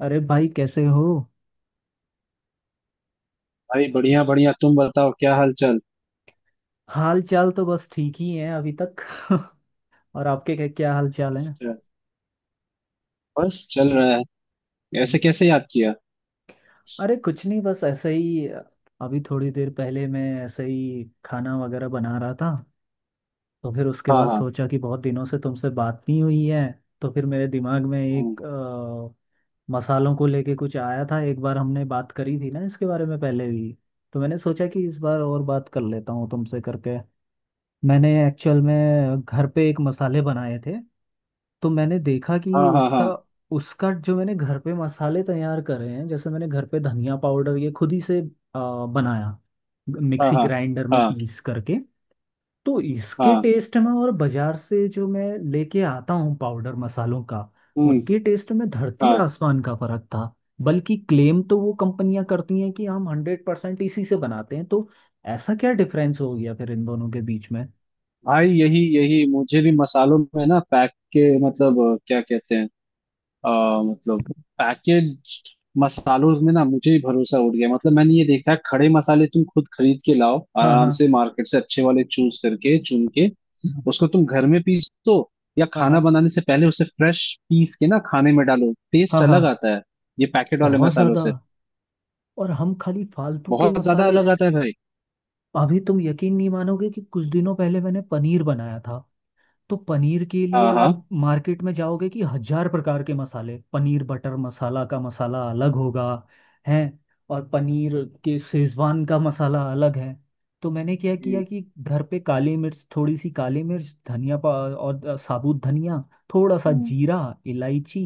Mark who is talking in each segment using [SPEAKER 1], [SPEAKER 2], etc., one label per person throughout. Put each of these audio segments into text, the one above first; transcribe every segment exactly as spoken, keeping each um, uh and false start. [SPEAKER 1] अरे भाई कैसे हो।
[SPEAKER 2] भाई, बढ़िया बढ़िया। तुम बताओ, क्या हाल चाल।
[SPEAKER 1] हाल चाल तो बस ठीक ही है अभी तक। और आपके क्या क्या हाल चाल है।
[SPEAKER 2] चल- बस चल रहा है। ऐसे
[SPEAKER 1] हम्म,
[SPEAKER 2] कैसे याद किया?
[SPEAKER 1] अरे कुछ नहीं बस ऐसे ही। अभी थोड़ी देर पहले मैं ऐसे ही खाना वगैरह बना रहा था। तो फिर उसके
[SPEAKER 2] हाँ
[SPEAKER 1] बाद
[SPEAKER 2] हाँ।
[SPEAKER 1] सोचा कि बहुत दिनों से तुमसे बात नहीं हुई है। तो फिर मेरे दिमाग में
[SPEAKER 2] हम्म।
[SPEAKER 1] एक अ, मसालों को लेके कुछ आया था। एक बार हमने बात करी थी ना इसके बारे में पहले भी, तो मैंने सोचा कि इस बार और बात कर लेता हूँ तुमसे करके। मैंने एक्चुअल में घर पे एक मसाले बनाए थे। तो मैंने देखा कि
[SPEAKER 2] हाँ हाँ
[SPEAKER 1] उसका
[SPEAKER 2] हाँ
[SPEAKER 1] उसका जो मैंने घर पे मसाले तैयार करे हैं, जैसे मैंने घर पे धनिया पाउडर ये खुद ही से आ, बनाया
[SPEAKER 2] हाँ
[SPEAKER 1] मिक्सी
[SPEAKER 2] हाँ
[SPEAKER 1] ग्राइंडर में
[SPEAKER 2] हाँ
[SPEAKER 1] पीस करके। तो इसके
[SPEAKER 2] हाँ।
[SPEAKER 1] टेस्ट में और बाजार से जो मैं लेके आता हूँ पाउडर मसालों का,
[SPEAKER 2] हम्म।
[SPEAKER 1] उनके टेस्ट में धरती
[SPEAKER 2] हाँ।
[SPEAKER 1] आसमान का फर्क था। बल्कि क्लेम तो वो कंपनियां करती हैं कि हम हंड्रेड परसेंट इसी से बनाते हैं, तो ऐसा क्या डिफरेंस हो गया फिर इन दोनों के बीच में।
[SPEAKER 2] भाई, यही यही मुझे भी मसालों में ना पैक के मतलब, अ, क्या कहते हैं, अ, मतलब पैकेज। मसालों में ना मुझे ही भरोसा उठ गया। मतलब मैंने ये देखा है, खड़े मसाले तुम खुद खरीद के लाओ
[SPEAKER 1] हाँ
[SPEAKER 2] आराम
[SPEAKER 1] हाँ
[SPEAKER 2] से मार्केट से, अच्छे वाले चूज करके, चुन के। उसको तुम घर में पीसो, या
[SPEAKER 1] हाँ हाँ
[SPEAKER 2] खाना बनाने से पहले उसे फ्रेश पीस के ना खाने में डालो,
[SPEAKER 1] हाँ
[SPEAKER 2] टेस्ट
[SPEAKER 1] हाँ।
[SPEAKER 2] अलग आता है ये पैकेट वाले
[SPEAKER 1] बहुत
[SPEAKER 2] मसालों
[SPEAKER 1] ज्यादा।
[SPEAKER 2] से।
[SPEAKER 1] और हम खाली फालतू के
[SPEAKER 2] बहुत ज्यादा
[SPEAKER 1] मसाले
[SPEAKER 2] अलग
[SPEAKER 1] ले।
[SPEAKER 2] आता है भाई।
[SPEAKER 1] अभी तुम यकीन नहीं मानोगे कि कुछ दिनों पहले मैंने पनीर बनाया था। तो पनीर के लिए
[SPEAKER 2] हाँ हाँ।
[SPEAKER 1] आप मार्केट में जाओगे कि हजार प्रकार के मसाले, पनीर बटर मसाला का मसाला अलग होगा है। और पनीर के शेजवान का मसाला अलग है। तो मैंने क्या किया
[SPEAKER 2] हम्म।
[SPEAKER 1] कि घर पे काली मिर्च, थोड़ी सी काली मिर्च, धनिया पा और अ, साबुत धनिया, थोड़ा सा
[SPEAKER 2] हम्म।
[SPEAKER 1] जीरा, इलायची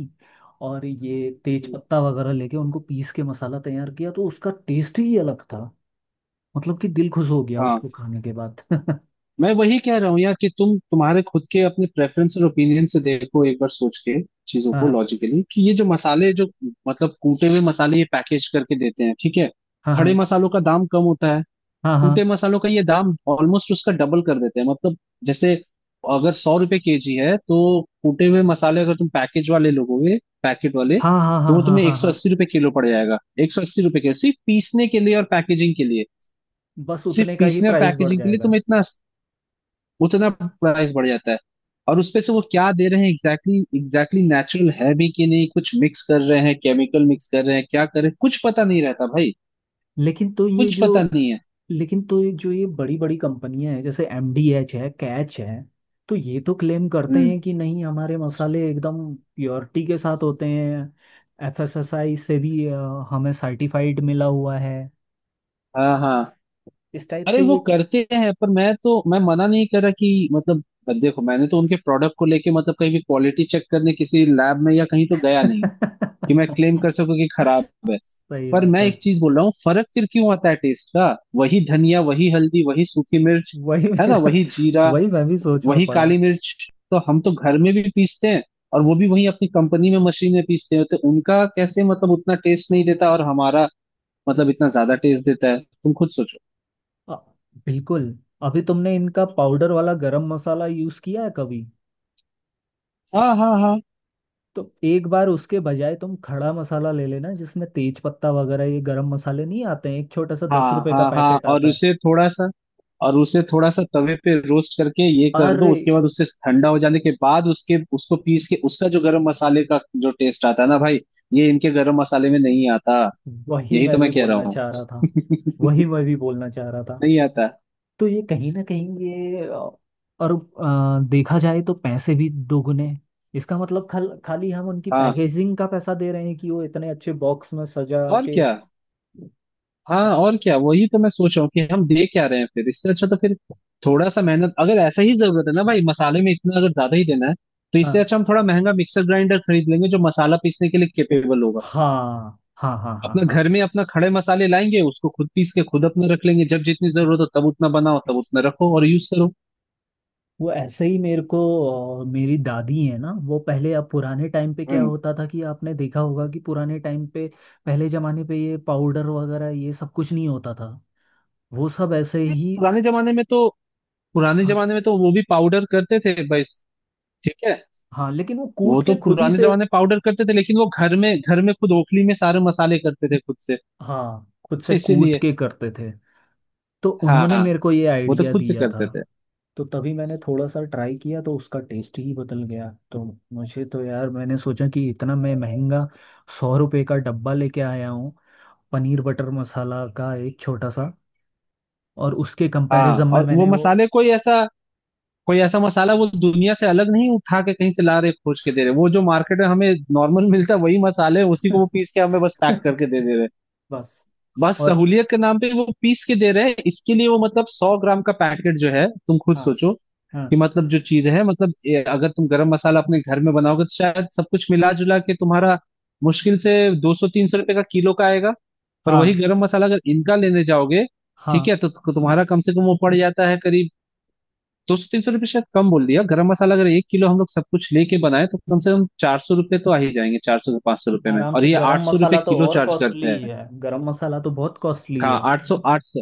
[SPEAKER 1] और
[SPEAKER 2] हम्म।
[SPEAKER 1] ये तेज
[SPEAKER 2] हम्म।
[SPEAKER 1] पत्ता वगैरह लेके उनको पीस के मसाला तैयार किया, तो उसका टेस्ट ही अलग था। मतलब कि दिल खुश हो गया
[SPEAKER 2] हाँ।
[SPEAKER 1] उसको खाने के बाद।
[SPEAKER 2] मैं वही कह रहा हूँ यार, कि तुम, तुम्हारे खुद के अपने प्रेफरेंस और ओपिनियन से देखो एक बार सोच के, चीजों को
[SPEAKER 1] हाँ
[SPEAKER 2] लॉजिकली, कि ये जो मसाले, जो मतलब कूटे हुए मसाले, ये पैकेज करके देते हैं, ठीक है।
[SPEAKER 1] हाँ
[SPEAKER 2] खड़े
[SPEAKER 1] हाँ
[SPEAKER 2] मसालों का दाम कम होता है।
[SPEAKER 1] हाँ हाँ
[SPEAKER 2] कूटे मसालों का ये दाम ऑलमोस्ट उसका डबल कर देते हैं, मतलब जैसे अगर सौ रुपए केजी है तो कूटे हुए मसाले अगर तुम पैकेज वाले लोगोगे, पैकेट वाले।
[SPEAKER 1] हाँ हाँ
[SPEAKER 2] तो
[SPEAKER 1] हाँ
[SPEAKER 2] वो
[SPEAKER 1] हाँ
[SPEAKER 2] तुम्हें एक
[SPEAKER 1] हाँ
[SPEAKER 2] सौ
[SPEAKER 1] हाँ।
[SPEAKER 2] अस्सी रुपए किलो पड़ जाएगा। एक सौ अस्सी रुपए किलो सिर्फ पीसने के लिए और पैकेजिंग के लिए।
[SPEAKER 1] बस
[SPEAKER 2] सिर्फ
[SPEAKER 1] उतने का ही
[SPEAKER 2] पीसने और
[SPEAKER 1] प्राइस बढ़
[SPEAKER 2] पैकेजिंग के लिए
[SPEAKER 1] जाएगा।
[SPEAKER 2] तुम्हें इतना, उतना प्राइस बढ़ जाता है। और उसपे से वो क्या दे रहे हैं एग्जैक्टली, एग्जैक्टली नेचुरल है भी कि नहीं, कुछ मिक्स कर रहे हैं, केमिकल मिक्स कर रहे हैं, क्या कर रहे हैं, कुछ पता नहीं रहता भाई।
[SPEAKER 1] लेकिन तो ये
[SPEAKER 2] कुछ
[SPEAKER 1] जो
[SPEAKER 2] पता नहीं है।
[SPEAKER 1] लेकिन तो ये जो ये बड़ी बड़ी कंपनियां हैं जैसे एमडीएच है, कैच है, तो ये तो क्लेम करते
[SPEAKER 2] हम्म।
[SPEAKER 1] हैं कि नहीं हमारे मसाले एकदम प्योरिटी के साथ होते हैं। एफएसएसआई से भी अ, हमें सर्टिफाइड मिला हुआ है
[SPEAKER 2] हाँ हाँ।
[SPEAKER 1] इस टाइप
[SPEAKER 2] अरे
[SPEAKER 1] से
[SPEAKER 2] वो
[SPEAKER 1] ये।
[SPEAKER 2] करते हैं, पर मैं तो मैं मना नहीं कर रहा कि मतलब, देखो मैंने तो उनके प्रोडक्ट को लेके मतलब कहीं भी क्वालिटी चेक करने किसी लैब में या कहीं तो गया नहीं, कि मैं क्लेम कर सकूं कि खराब है।
[SPEAKER 1] सही
[SPEAKER 2] पर
[SPEAKER 1] बात
[SPEAKER 2] मैं
[SPEAKER 1] है।
[SPEAKER 2] एक चीज बोल रहा हूँ, फर्क फिर क्यों आता है टेस्ट का? वही धनिया, वही हल्दी, वही सूखी मिर्च,
[SPEAKER 1] वही
[SPEAKER 2] है ना,
[SPEAKER 1] मेरा,
[SPEAKER 2] वही जीरा,
[SPEAKER 1] वही मैं भी सोच में
[SPEAKER 2] वही
[SPEAKER 1] पड़ा।
[SPEAKER 2] काली मिर्च। तो हम तो घर में भी पीसते हैं, और वो भी वही अपनी कंपनी में मशीन में पीसते हैं, तो उनका कैसे मतलब उतना टेस्ट नहीं देता और हमारा मतलब इतना ज्यादा टेस्ट देता है? तुम खुद सोचो।
[SPEAKER 1] अ, बिल्कुल। अभी तुमने इनका पाउडर वाला गरम मसाला यूज किया है कभी?
[SPEAKER 2] हाँ हाँ हाँ
[SPEAKER 1] तो एक बार उसके बजाय तुम खड़ा मसाला ले लेना, जिसमें तेज पत्ता वगैरह ये गरम मसाले नहीं आते हैं, एक छोटा सा दस
[SPEAKER 2] हाँ
[SPEAKER 1] रुपए का
[SPEAKER 2] हाँ हाँ।
[SPEAKER 1] पैकेट
[SPEAKER 2] और
[SPEAKER 1] आता है।
[SPEAKER 2] उसे थोड़ा सा और उसे थोड़ा सा तवे पे रोस्ट करके ये कर दो,
[SPEAKER 1] अरे,
[SPEAKER 2] उसके बाद उससे ठंडा हो जाने के बाद उसके उसको पीस के, उसका जो गरम मसाले का जो टेस्ट आता है ना भाई, ये इनके गरम मसाले में नहीं आता।
[SPEAKER 1] वही
[SPEAKER 2] यही
[SPEAKER 1] मैं
[SPEAKER 2] तो
[SPEAKER 1] भी
[SPEAKER 2] मैं कह रहा
[SPEAKER 1] बोलना
[SPEAKER 2] हूँ,
[SPEAKER 1] चाह रहा था वही मैं भी बोलना चाह रहा था।
[SPEAKER 2] नहीं आता।
[SPEAKER 1] तो ये कहीं ना कहीं ये अ, और अ, देखा जाए तो पैसे भी दोगुने। इसका मतलब खल, खाली हम उनकी
[SPEAKER 2] हाँ
[SPEAKER 1] पैकेजिंग का पैसा दे रहे हैं कि वो इतने अच्छे बॉक्स में सजा
[SPEAKER 2] और
[SPEAKER 1] के।
[SPEAKER 2] क्या। हाँ और क्या, वही तो मैं सोच रहा हूँ कि हम दे क्या रहे हैं फिर, इससे अच्छा तो फिर थोड़ा सा मेहनत, अगर ऐसा ही जरूरत है ना भाई मसाले में इतना, अगर ज्यादा ही देना है तो इससे
[SPEAKER 1] हाँ
[SPEAKER 2] अच्छा हम थोड़ा महंगा मिक्सर ग्राइंडर खरीद लेंगे जो मसाला पीसने के लिए केपेबल होगा।
[SPEAKER 1] हाँ हाँ हाँ हाँ
[SPEAKER 2] अपना
[SPEAKER 1] हाँ।
[SPEAKER 2] घर में अपना खड़े मसाले लाएंगे, उसको खुद पीस के खुद अपना रख लेंगे। जब जितनी जरूरत हो तब उतना बनाओ, तब उतना रखो और यूज करो।
[SPEAKER 1] वो ऐसे ही मेरे को, अ, मेरी दादी है ना, वो पहले, अब पुराने टाइम पे क्या
[SPEAKER 2] हम्म।
[SPEAKER 1] होता था कि आपने देखा होगा कि पुराने टाइम पे, पहले जमाने पे ये पाउडर वगैरह ये सब कुछ नहीं होता था। वो सब ऐसे ही।
[SPEAKER 2] पुराने जमाने में तो पुराने
[SPEAKER 1] हाँ
[SPEAKER 2] जमाने में तो वो भी पाउडर करते थे भाई, ठीक है।
[SPEAKER 1] हाँ, लेकिन वो
[SPEAKER 2] वो
[SPEAKER 1] कूट
[SPEAKER 2] तो
[SPEAKER 1] के खुद ही
[SPEAKER 2] पुराने
[SPEAKER 1] से।
[SPEAKER 2] जमाने पाउडर करते थे, लेकिन वो घर में घर में खुद ओखली में सारे मसाले करते थे खुद से।
[SPEAKER 1] हाँ, खुद से कूट
[SPEAKER 2] इसीलिए।
[SPEAKER 1] के करते थे। तो उन्होंने
[SPEAKER 2] हाँ,
[SPEAKER 1] मेरे को ये
[SPEAKER 2] वो तो
[SPEAKER 1] आइडिया
[SPEAKER 2] खुद से
[SPEAKER 1] दिया था।
[SPEAKER 2] करते थे।
[SPEAKER 1] तो तभी मैंने थोड़ा सा ट्राई किया, तो उसका टेस्ट ही बदल गया। तो मुझे तो यार मैंने सोचा कि इतना मैं महंगा सौ रुपए का डब्बा लेके आया हूँ पनीर बटर मसाला का, एक छोटा सा। और उसके
[SPEAKER 2] हाँ,
[SPEAKER 1] कंपैरिजन में
[SPEAKER 2] और वो
[SPEAKER 1] मैंने वो।
[SPEAKER 2] मसाले कोई ऐसा कोई ऐसा मसाला, वो दुनिया से अलग नहीं उठा के कहीं से ला रहे, खोज के दे रहे, वो जो मार्केट में हमें नॉर्मल मिलता है वही मसाले हैं, उसी को वो पीस के हमें बस पैक करके दे दे रहे हैं।
[SPEAKER 1] बस।
[SPEAKER 2] बस
[SPEAKER 1] और
[SPEAKER 2] सहूलियत के नाम पे वो पीस के दे रहे हैं, इसके लिए वो मतलब सौ ग्राम का पैकेट जो है, तुम खुद
[SPEAKER 1] हाँ
[SPEAKER 2] सोचो
[SPEAKER 1] हाँ
[SPEAKER 2] कि मतलब जो चीज है, मतलब ये, अगर तुम गरम मसाला अपने घर में बनाओगे तो शायद सब कुछ मिला जुला के तुम्हारा मुश्किल से दो सौ तीन सौ रुपये का किलो का आएगा। पर वही
[SPEAKER 1] हाँ
[SPEAKER 2] गरम मसाला अगर इनका लेने जाओगे, ठीक
[SPEAKER 1] हाँ।
[SPEAKER 2] है, तो तु- तुम्हारा कम से कम वो पड़ जाता है करीब दो सौ तीन सौ रुपये, शायद कम बोल दिया। गरम मसाला अगर एक किलो हम लोग सब कुछ लेके बनाए तो कम से कम चार सौ रुपये तो आ ही जाएंगे, चार सौ से पांच सौ रुपये में,
[SPEAKER 1] आराम
[SPEAKER 2] और
[SPEAKER 1] से,
[SPEAKER 2] ये
[SPEAKER 1] गरम
[SPEAKER 2] आठ सौ रुपये
[SPEAKER 1] मसाला तो
[SPEAKER 2] किलो
[SPEAKER 1] और
[SPEAKER 2] चार्ज करते
[SPEAKER 1] कॉस्टली
[SPEAKER 2] हैं।
[SPEAKER 1] है, गरम मसाला तो बहुत कॉस्टली
[SPEAKER 2] कहाँ?
[SPEAKER 1] है।
[SPEAKER 2] आठ सौ, आठ सौ।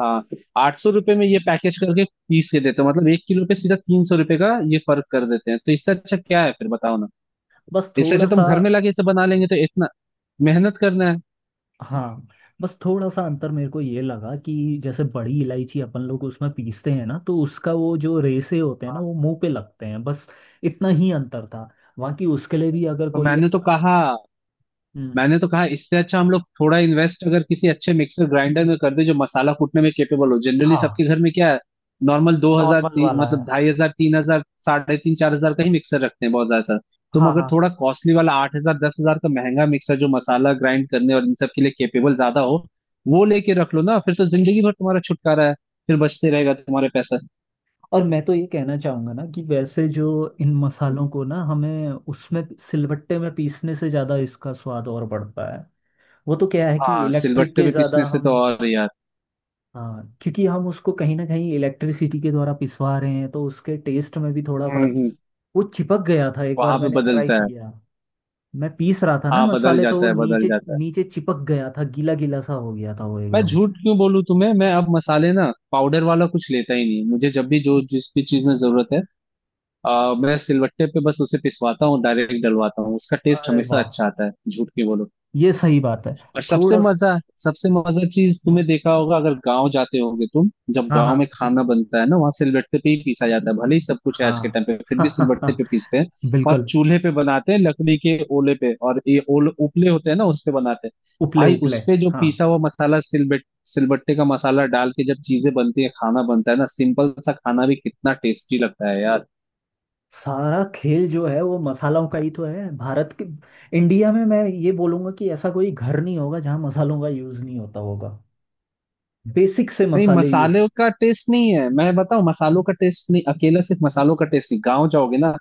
[SPEAKER 2] हाँ, आठ सौ रुपये में ये पैकेज करके पीस के देते हो, मतलब एक किलो पे सीधा तीन सौ रुपये का ये फर्क कर देते हैं। तो इससे अच्छा क्या है फिर? बताओ ना।
[SPEAKER 1] बस
[SPEAKER 2] इससे अच्छा
[SPEAKER 1] थोड़ा
[SPEAKER 2] तुम
[SPEAKER 1] सा।
[SPEAKER 2] घर में लाके इसे बना लेंगे, तो इतना मेहनत करना है।
[SPEAKER 1] हाँ, बस थोड़ा सा अंतर मेरे को ये लगा कि जैसे बड़ी इलायची अपन लोग उसमें पीसते हैं ना, तो उसका वो जो रेसे होते हैं ना,
[SPEAKER 2] हाँ,
[SPEAKER 1] वो मुंह पे लगते हैं, बस इतना ही अंतर था। बाकी उसके लिए भी अगर
[SPEAKER 2] तो
[SPEAKER 1] कोई।
[SPEAKER 2] मैंने तो कहा
[SPEAKER 1] हम्म।
[SPEAKER 2] मैंने तो कहा इससे अच्छा हम लोग थोड़ा इन्वेस्ट अगर किसी अच्छे मिक्सर ग्राइंडर में कर दे जो मसाला कूटने में केपेबल हो। जनरली
[SPEAKER 1] हाँ।
[SPEAKER 2] सबके घर में क्या है, नॉर्मल दो हजार
[SPEAKER 1] नॉर्मल
[SPEAKER 2] तीन,
[SPEAKER 1] वाला
[SPEAKER 2] मतलब
[SPEAKER 1] है।
[SPEAKER 2] ढाई हजार, तीन हजार, साढ़े तीन, चार हजार का ही मिक्सर रखते हैं बहुत ज्यादा सर। तुम
[SPEAKER 1] हाँ
[SPEAKER 2] अगर
[SPEAKER 1] हाँ।
[SPEAKER 2] थोड़ा कॉस्टली वाला आठ हजार दस हजार का महंगा मिक्सर जो मसाला ग्राइंड करने और इन सब के लिए केपेबल ज्यादा हो, वो लेके रख लो ना, फिर तो जिंदगी भर तुम्हारा छुटकारा है। फिर बचते रहेगा तुम्हारे पैसा।
[SPEAKER 1] और मैं तो ये कहना चाहूंगा ना कि वैसे जो इन
[SPEAKER 2] हम्म।
[SPEAKER 1] मसालों को ना हमें उसमें सिलबट्टे में पीसने से ज्यादा इसका स्वाद और बढ़ता है। वो तो क्या है कि
[SPEAKER 2] हाँ,
[SPEAKER 1] इलेक्ट्रिक
[SPEAKER 2] सिलबट्टे
[SPEAKER 1] के
[SPEAKER 2] पे
[SPEAKER 1] ज्यादा
[SPEAKER 2] पीसने से तो
[SPEAKER 1] हम।
[SPEAKER 2] और यार।
[SPEAKER 1] हाँ, क्योंकि हम उसको कहीं ना कहीं इलेक्ट्रिसिटी के द्वारा पिसवा रहे हैं तो उसके टेस्ट में भी थोड़ा फर्क।
[SPEAKER 2] हम्म,
[SPEAKER 1] वो चिपक गया था, एक बार
[SPEAKER 2] वहां पे
[SPEAKER 1] मैंने ट्राई
[SPEAKER 2] बदलता है।
[SPEAKER 1] किया, मैं पीस रहा था ना
[SPEAKER 2] हाँ, बदल
[SPEAKER 1] मसाले, तो
[SPEAKER 2] जाता
[SPEAKER 1] वो
[SPEAKER 2] है, बदल
[SPEAKER 1] नीचे
[SPEAKER 2] जाता है।
[SPEAKER 1] नीचे चिपक गया था, गीला गीला सा हो गया था वो
[SPEAKER 2] मैं
[SPEAKER 1] एकदम।
[SPEAKER 2] झूठ क्यों बोलूं तुम्हें? मैं अब मसाले ना पाउडर वाला कुछ लेता ही नहीं। मुझे जब भी जो जिस भी चीज में जरूरत है, आ, मैं सिलवट्टे पे बस उसे पिसवाता हूँ, डायरेक्ट डलवाता हूँ, उसका टेस्ट
[SPEAKER 1] अरे
[SPEAKER 2] हमेशा
[SPEAKER 1] वाह।
[SPEAKER 2] अच्छा आता है। झूठ क्यों बोलूं।
[SPEAKER 1] ये सही बात है।
[SPEAKER 2] और सबसे
[SPEAKER 1] थोड़ा सा।
[SPEAKER 2] मजा सबसे मजा चीज तुम्हें देखा होगा, अगर गांव जाते होगे तुम। जब
[SPEAKER 1] हाँ हाँ
[SPEAKER 2] गांव में खाना बनता है ना, वहां सिलबट्टे पे ही पीसा जाता है, भले ही सब कुछ है आज के टाइम पे फिर भी सिलबट्टे
[SPEAKER 1] हाँ।
[SPEAKER 2] पे पीसते हैं। और
[SPEAKER 1] बिल्कुल।
[SPEAKER 2] चूल्हे पे बनाते हैं लकड़ी के ओले पे, और ये ओल उपले होते हैं ना, उस पे बनाते हैं।
[SPEAKER 1] उपले
[SPEAKER 2] भाई
[SPEAKER 1] उपले।
[SPEAKER 2] उस पे जो
[SPEAKER 1] हाँ।
[SPEAKER 2] पीसा हुआ मसाला, सिलबट सिलबट्टे का मसाला डाल के जब चीजें बनती है, खाना बनता है ना, सिंपल सा खाना भी कितना टेस्टी लगता है यार।
[SPEAKER 1] सारा खेल जो है वो मसालों का ही तो है। भारत के, इंडिया में मैं ये बोलूंगा कि ऐसा कोई घर नहीं होगा जहाँ मसालों का यूज नहीं होता होगा। बेसिक से
[SPEAKER 2] नहीं,
[SPEAKER 1] मसाले यूज।
[SPEAKER 2] मसाले का टेस्ट नहीं है, मैं बताऊं, मसालों का टेस्ट नहीं अकेला, सिर्फ मसालों का टेस्ट नहीं। गांव जाओगे ना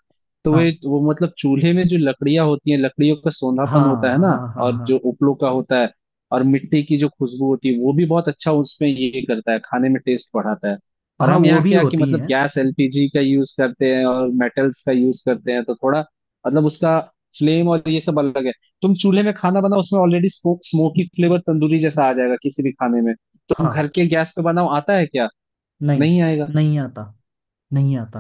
[SPEAKER 2] तो वे
[SPEAKER 1] हाँ
[SPEAKER 2] वो मतलब चूल्हे में जो लकड़ियां होती हैं, लकड़ियों का सोंधापन
[SPEAKER 1] हाँ
[SPEAKER 2] होता है
[SPEAKER 1] हाँ
[SPEAKER 2] ना।
[SPEAKER 1] हाँ
[SPEAKER 2] और
[SPEAKER 1] हाँ
[SPEAKER 2] जो उपलों का होता है, और मिट्टी की जो खुशबू होती है, वो भी बहुत अच्छा उसमें ये करता है, खाने में टेस्ट बढ़ाता है। और
[SPEAKER 1] हाँ।
[SPEAKER 2] हम
[SPEAKER 1] वो
[SPEAKER 2] यहाँ
[SPEAKER 1] भी
[SPEAKER 2] क्या कि
[SPEAKER 1] होती
[SPEAKER 2] मतलब
[SPEAKER 1] हैं।
[SPEAKER 2] गैस एल पी जी का यूज करते हैं, और मेटल्स का यूज करते हैं, तो थोड़ा मतलब उसका फ्लेम और ये सब अलग है। तुम चूल्हे में खाना बनाओ उसमें already smoke smoky flavour, tandoori जैसा आ जाएगा किसी भी खाने में। तुम
[SPEAKER 1] हाँ।
[SPEAKER 2] घर के गैस पे बनाओ, आता है क्या?
[SPEAKER 1] नहीं।
[SPEAKER 2] नहीं आएगा।
[SPEAKER 1] नहीं आता। नहीं आता।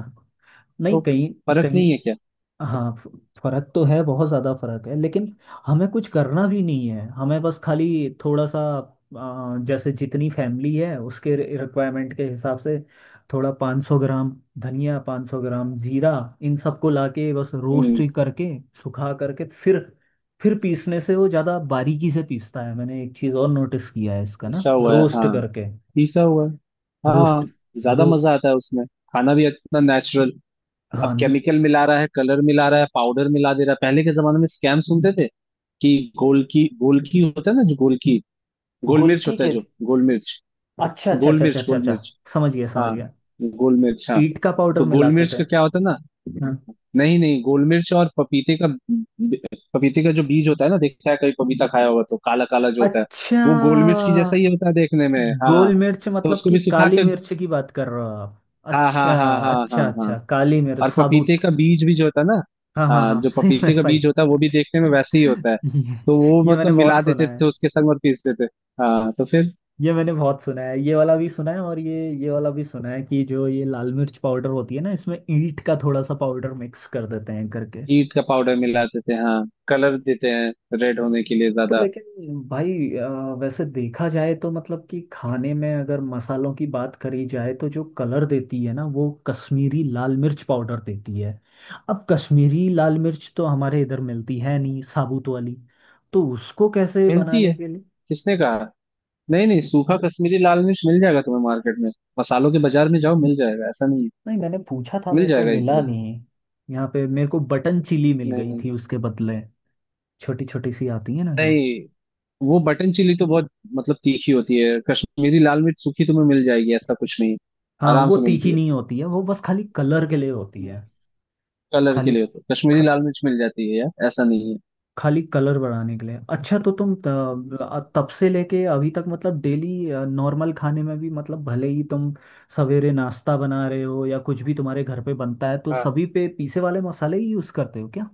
[SPEAKER 1] नहीं
[SPEAKER 2] तो
[SPEAKER 1] कहीं।
[SPEAKER 2] फर्क
[SPEAKER 1] कहीं।
[SPEAKER 2] नहीं है क्या।
[SPEAKER 1] हाँ फ- फर्क तो है, बहुत ज्यादा फर्क है, लेकिन हमें कुछ करना भी नहीं है, हमें बस खाली थोड़ा सा, आ, जैसे जितनी फैमिली है उसके रिक्वायरमेंट के हिसाब से थोड़ा पाँच सौ ग्राम धनिया, पाँच सौ ग्राम जीरा, इन सबको लाके बस रोस्ट
[SPEAKER 2] हम्म।
[SPEAKER 1] ही करके सुखा करके फिर फिर पीसने से वो ज्यादा बारीकी से पीसता है। मैंने एक चीज और नोटिस किया है इसका ना,
[SPEAKER 2] पिसा हुआ है।
[SPEAKER 1] रोस्ट
[SPEAKER 2] हाँ,
[SPEAKER 1] करके
[SPEAKER 2] पिसा हुआ है। हाँ,
[SPEAKER 1] रोस्ट
[SPEAKER 2] ज्यादा
[SPEAKER 1] रो
[SPEAKER 2] मजा आता है उसमें, खाना भी इतना नेचुरल। अब
[SPEAKER 1] हाँ न-
[SPEAKER 2] केमिकल मिला रहा है, कलर मिला रहा है, पाउडर मिला दे रहा है। पहले के जमाने में स्कैम सुनते थे कि गोल की गोल की होता है ना, जो गोल की, गोल मिर्च
[SPEAKER 1] गोलकी
[SPEAKER 2] होता है
[SPEAKER 1] के।
[SPEAKER 2] जो, गोल मिर्च,
[SPEAKER 1] अच्छा अच्छा
[SPEAKER 2] गोल
[SPEAKER 1] अच्छा अच्छा
[SPEAKER 2] मिर्च,
[SPEAKER 1] अच्छा
[SPEAKER 2] गोल
[SPEAKER 1] अच्छा,
[SPEAKER 2] मिर्च,
[SPEAKER 1] समझ गया समझ
[SPEAKER 2] हाँ,
[SPEAKER 1] गया।
[SPEAKER 2] गोल मिर्च, हाँ।
[SPEAKER 1] ईट का पाउडर
[SPEAKER 2] तो गोल
[SPEAKER 1] मिलाते
[SPEAKER 2] मिर्च
[SPEAKER 1] थे,
[SPEAKER 2] का क्या होता है ना,
[SPEAKER 1] हाँ।
[SPEAKER 2] नहीं नहीं, गोल मिर्च और पपीते का पपीते का जो बीज होता है ना, देखा है? कभी पपीता खाया होगा तो काला काला जो होता है,
[SPEAKER 1] अच्छा।
[SPEAKER 2] वो गोल मिर्च की जैसा ही होता है देखने में, हाँ।
[SPEAKER 1] गोल मिर्च
[SPEAKER 2] तो
[SPEAKER 1] मतलब
[SPEAKER 2] उसको
[SPEAKER 1] कि
[SPEAKER 2] भी सुखा
[SPEAKER 1] काली
[SPEAKER 2] के।
[SPEAKER 1] मिर्च की बात कर रहे हो आप?
[SPEAKER 2] हाँ हाँ
[SPEAKER 1] अच्छा
[SPEAKER 2] हाँ हाँ हाँ
[SPEAKER 1] अच्छा
[SPEAKER 2] हाँ।
[SPEAKER 1] अच्छा, काली मिर्च
[SPEAKER 2] और पपीते
[SPEAKER 1] साबुत।
[SPEAKER 2] का बीज भी जो होता है ना,
[SPEAKER 1] हाँ हाँ
[SPEAKER 2] हाँ,
[SPEAKER 1] हाँ,
[SPEAKER 2] जो
[SPEAKER 1] सही में
[SPEAKER 2] पपीते का
[SPEAKER 1] सही।
[SPEAKER 2] बीज होता है वो भी देखने में वैसे ही होता है।
[SPEAKER 1] ये,
[SPEAKER 2] तो वो
[SPEAKER 1] ये
[SPEAKER 2] मतलब
[SPEAKER 1] मैंने
[SPEAKER 2] मिला
[SPEAKER 1] बहुत सुना
[SPEAKER 2] देते
[SPEAKER 1] है।
[SPEAKER 2] थे उसके संग और पीसते थे। हाँ, तो फिर
[SPEAKER 1] ये मैंने बहुत सुना है, ये वाला भी सुना है और ये ये वाला भी सुना है कि जो ये लाल मिर्च पाउडर होती है ना, इसमें ईंट का थोड़ा सा पाउडर मिक्स कर देते हैं करके।
[SPEAKER 2] ईंट का पाउडर मिलाते थे। हाँ, कलर देते हैं रेड होने के लिए
[SPEAKER 1] तो
[SPEAKER 2] ज्यादा।
[SPEAKER 1] लेकिन भाई अ, वैसे देखा जाए तो मतलब कि खाने में अगर मसालों की बात करी जाए तो जो कलर देती है ना वो कश्मीरी लाल मिर्च पाउडर देती है। अब कश्मीरी लाल मिर्च तो हमारे इधर मिलती है नहीं साबुत वाली, तो उसको कैसे
[SPEAKER 2] मिलती
[SPEAKER 1] बनाने
[SPEAKER 2] है।
[SPEAKER 1] के लिए।
[SPEAKER 2] किसने कहा? नहीं नहीं, सूखा कश्मीरी लाल मिर्च मिल जाएगा तुम्हें मार्केट में। मसालों के बाजार में जाओ, मिल जाएगा, ऐसा नहीं है।
[SPEAKER 1] नहीं, मैंने पूछा था,
[SPEAKER 2] मिल
[SPEAKER 1] मेरे को
[SPEAKER 2] जाएगा
[SPEAKER 1] मिला
[SPEAKER 2] इजीली।
[SPEAKER 1] नहीं। यहाँ पे मेरे को बटन चिली मिल गई
[SPEAKER 2] नहीं
[SPEAKER 1] थी उसके बदले, छोटी छोटी सी आती है ना जो।
[SPEAKER 2] नहीं, वो बटन चिली तो बहुत, मतलब तीखी होती है। कश्मीरी लाल मिर्च सूखी तो तुम्हें मिल जाएगी, ऐसा कुछ नहीं है।
[SPEAKER 1] हाँ
[SPEAKER 2] आराम
[SPEAKER 1] वो
[SPEAKER 2] से
[SPEAKER 1] तीखी
[SPEAKER 2] मिलती है।
[SPEAKER 1] नहीं होती है, वो बस खाली कलर के लिए होती है।
[SPEAKER 2] कलर के
[SPEAKER 1] खाली
[SPEAKER 2] लिए तो
[SPEAKER 1] ख-
[SPEAKER 2] कश्मीरी लाल मिर्च मिल जाती है यार, ऐसा नहीं
[SPEAKER 1] खाली कलर बढ़ाने के लिए। अच्छा, तो तुम
[SPEAKER 2] है।
[SPEAKER 1] त- तब से लेके अभी तक मतलब डेली नॉर्मल खाने में भी मतलब भले ही तुम सवेरे नाश्ता बना रहे हो या कुछ भी तुम्हारे घर पे बनता है तो
[SPEAKER 2] हाँ
[SPEAKER 1] सभी पे पीसे वाले मसाले ही यूज करते हो क्या?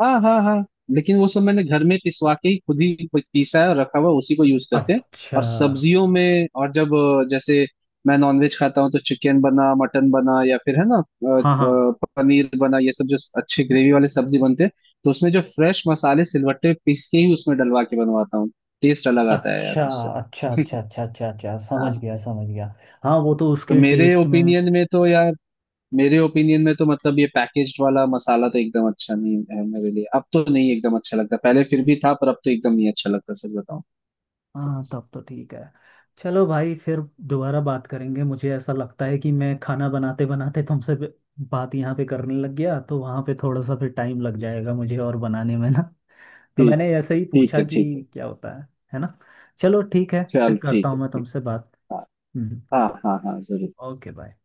[SPEAKER 2] हाँ हाँ हाँ। लेकिन वो सब मैंने घर में पिसवा के ही खुद ही पीसा है और रखा हुआ है, उसी को यूज करते हैं।
[SPEAKER 1] अच्छा।
[SPEAKER 2] और सब्जियों में, और जब अ, जैसे मैं नॉनवेज खाता हूँ, तो चिकन बना, मटन बना, या फिर है ना, अ, अ,
[SPEAKER 1] हाँ हाँ।
[SPEAKER 2] पनीर बना, ये सब जो अच्छे ग्रेवी वाले सब्जी बनते हैं, तो उसमें जो फ्रेश मसाले सिलवट्टे पीस के ही उसमें डलवा के बनवाता हूँ, टेस्ट अलग आता है यार
[SPEAKER 1] अच्छा
[SPEAKER 2] उससे।
[SPEAKER 1] अच्छा अच्छा अच्छा अच्छा अच्छा, समझ
[SPEAKER 2] हाँ,
[SPEAKER 1] गया समझ गया। हाँ वो तो
[SPEAKER 2] तो
[SPEAKER 1] उसके
[SPEAKER 2] मेरे
[SPEAKER 1] टेस्ट में।
[SPEAKER 2] ओपिनियन में तो यार मेरे ओपिनियन में तो मतलब ये पैकेज्ड वाला मसाला तो एकदम अच्छा नहीं है मेरे लिए। अब तो नहीं एकदम अच्छा लगता, पहले फिर भी था, पर अब तो एकदम नहीं अच्छा लगता, सच बताऊं।
[SPEAKER 1] हाँ तब तो ठीक है। चलो भाई फिर दोबारा बात करेंगे। मुझे ऐसा लगता है कि मैं खाना बनाते बनाते तुमसे भी- बात यहाँ पे करने लग गया, तो वहाँ पे थोड़ा सा फिर टाइम लग जाएगा मुझे और बनाने में ना। तो
[SPEAKER 2] ठीक।
[SPEAKER 1] मैंने ऐसे ही
[SPEAKER 2] ठीक
[SPEAKER 1] पूछा
[SPEAKER 2] है। ठीक है।
[SPEAKER 1] कि क्या होता है है ना। चलो ठीक है, फिर
[SPEAKER 2] चल
[SPEAKER 1] करता
[SPEAKER 2] ठीक
[SPEAKER 1] हूँ
[SPEAKER 2] है,
[SPEAKER 1] मैं
[SPEAKER 2] ठीक।
[SPEAKER 1] तुमसे बात।
[SPEAKER 2] हाँ
[SPEAKER 1] हम्म,
[SPEAKER 2] हाँ हाँ हाँ, जरूर।
[SPEAKER 1] Okay bye.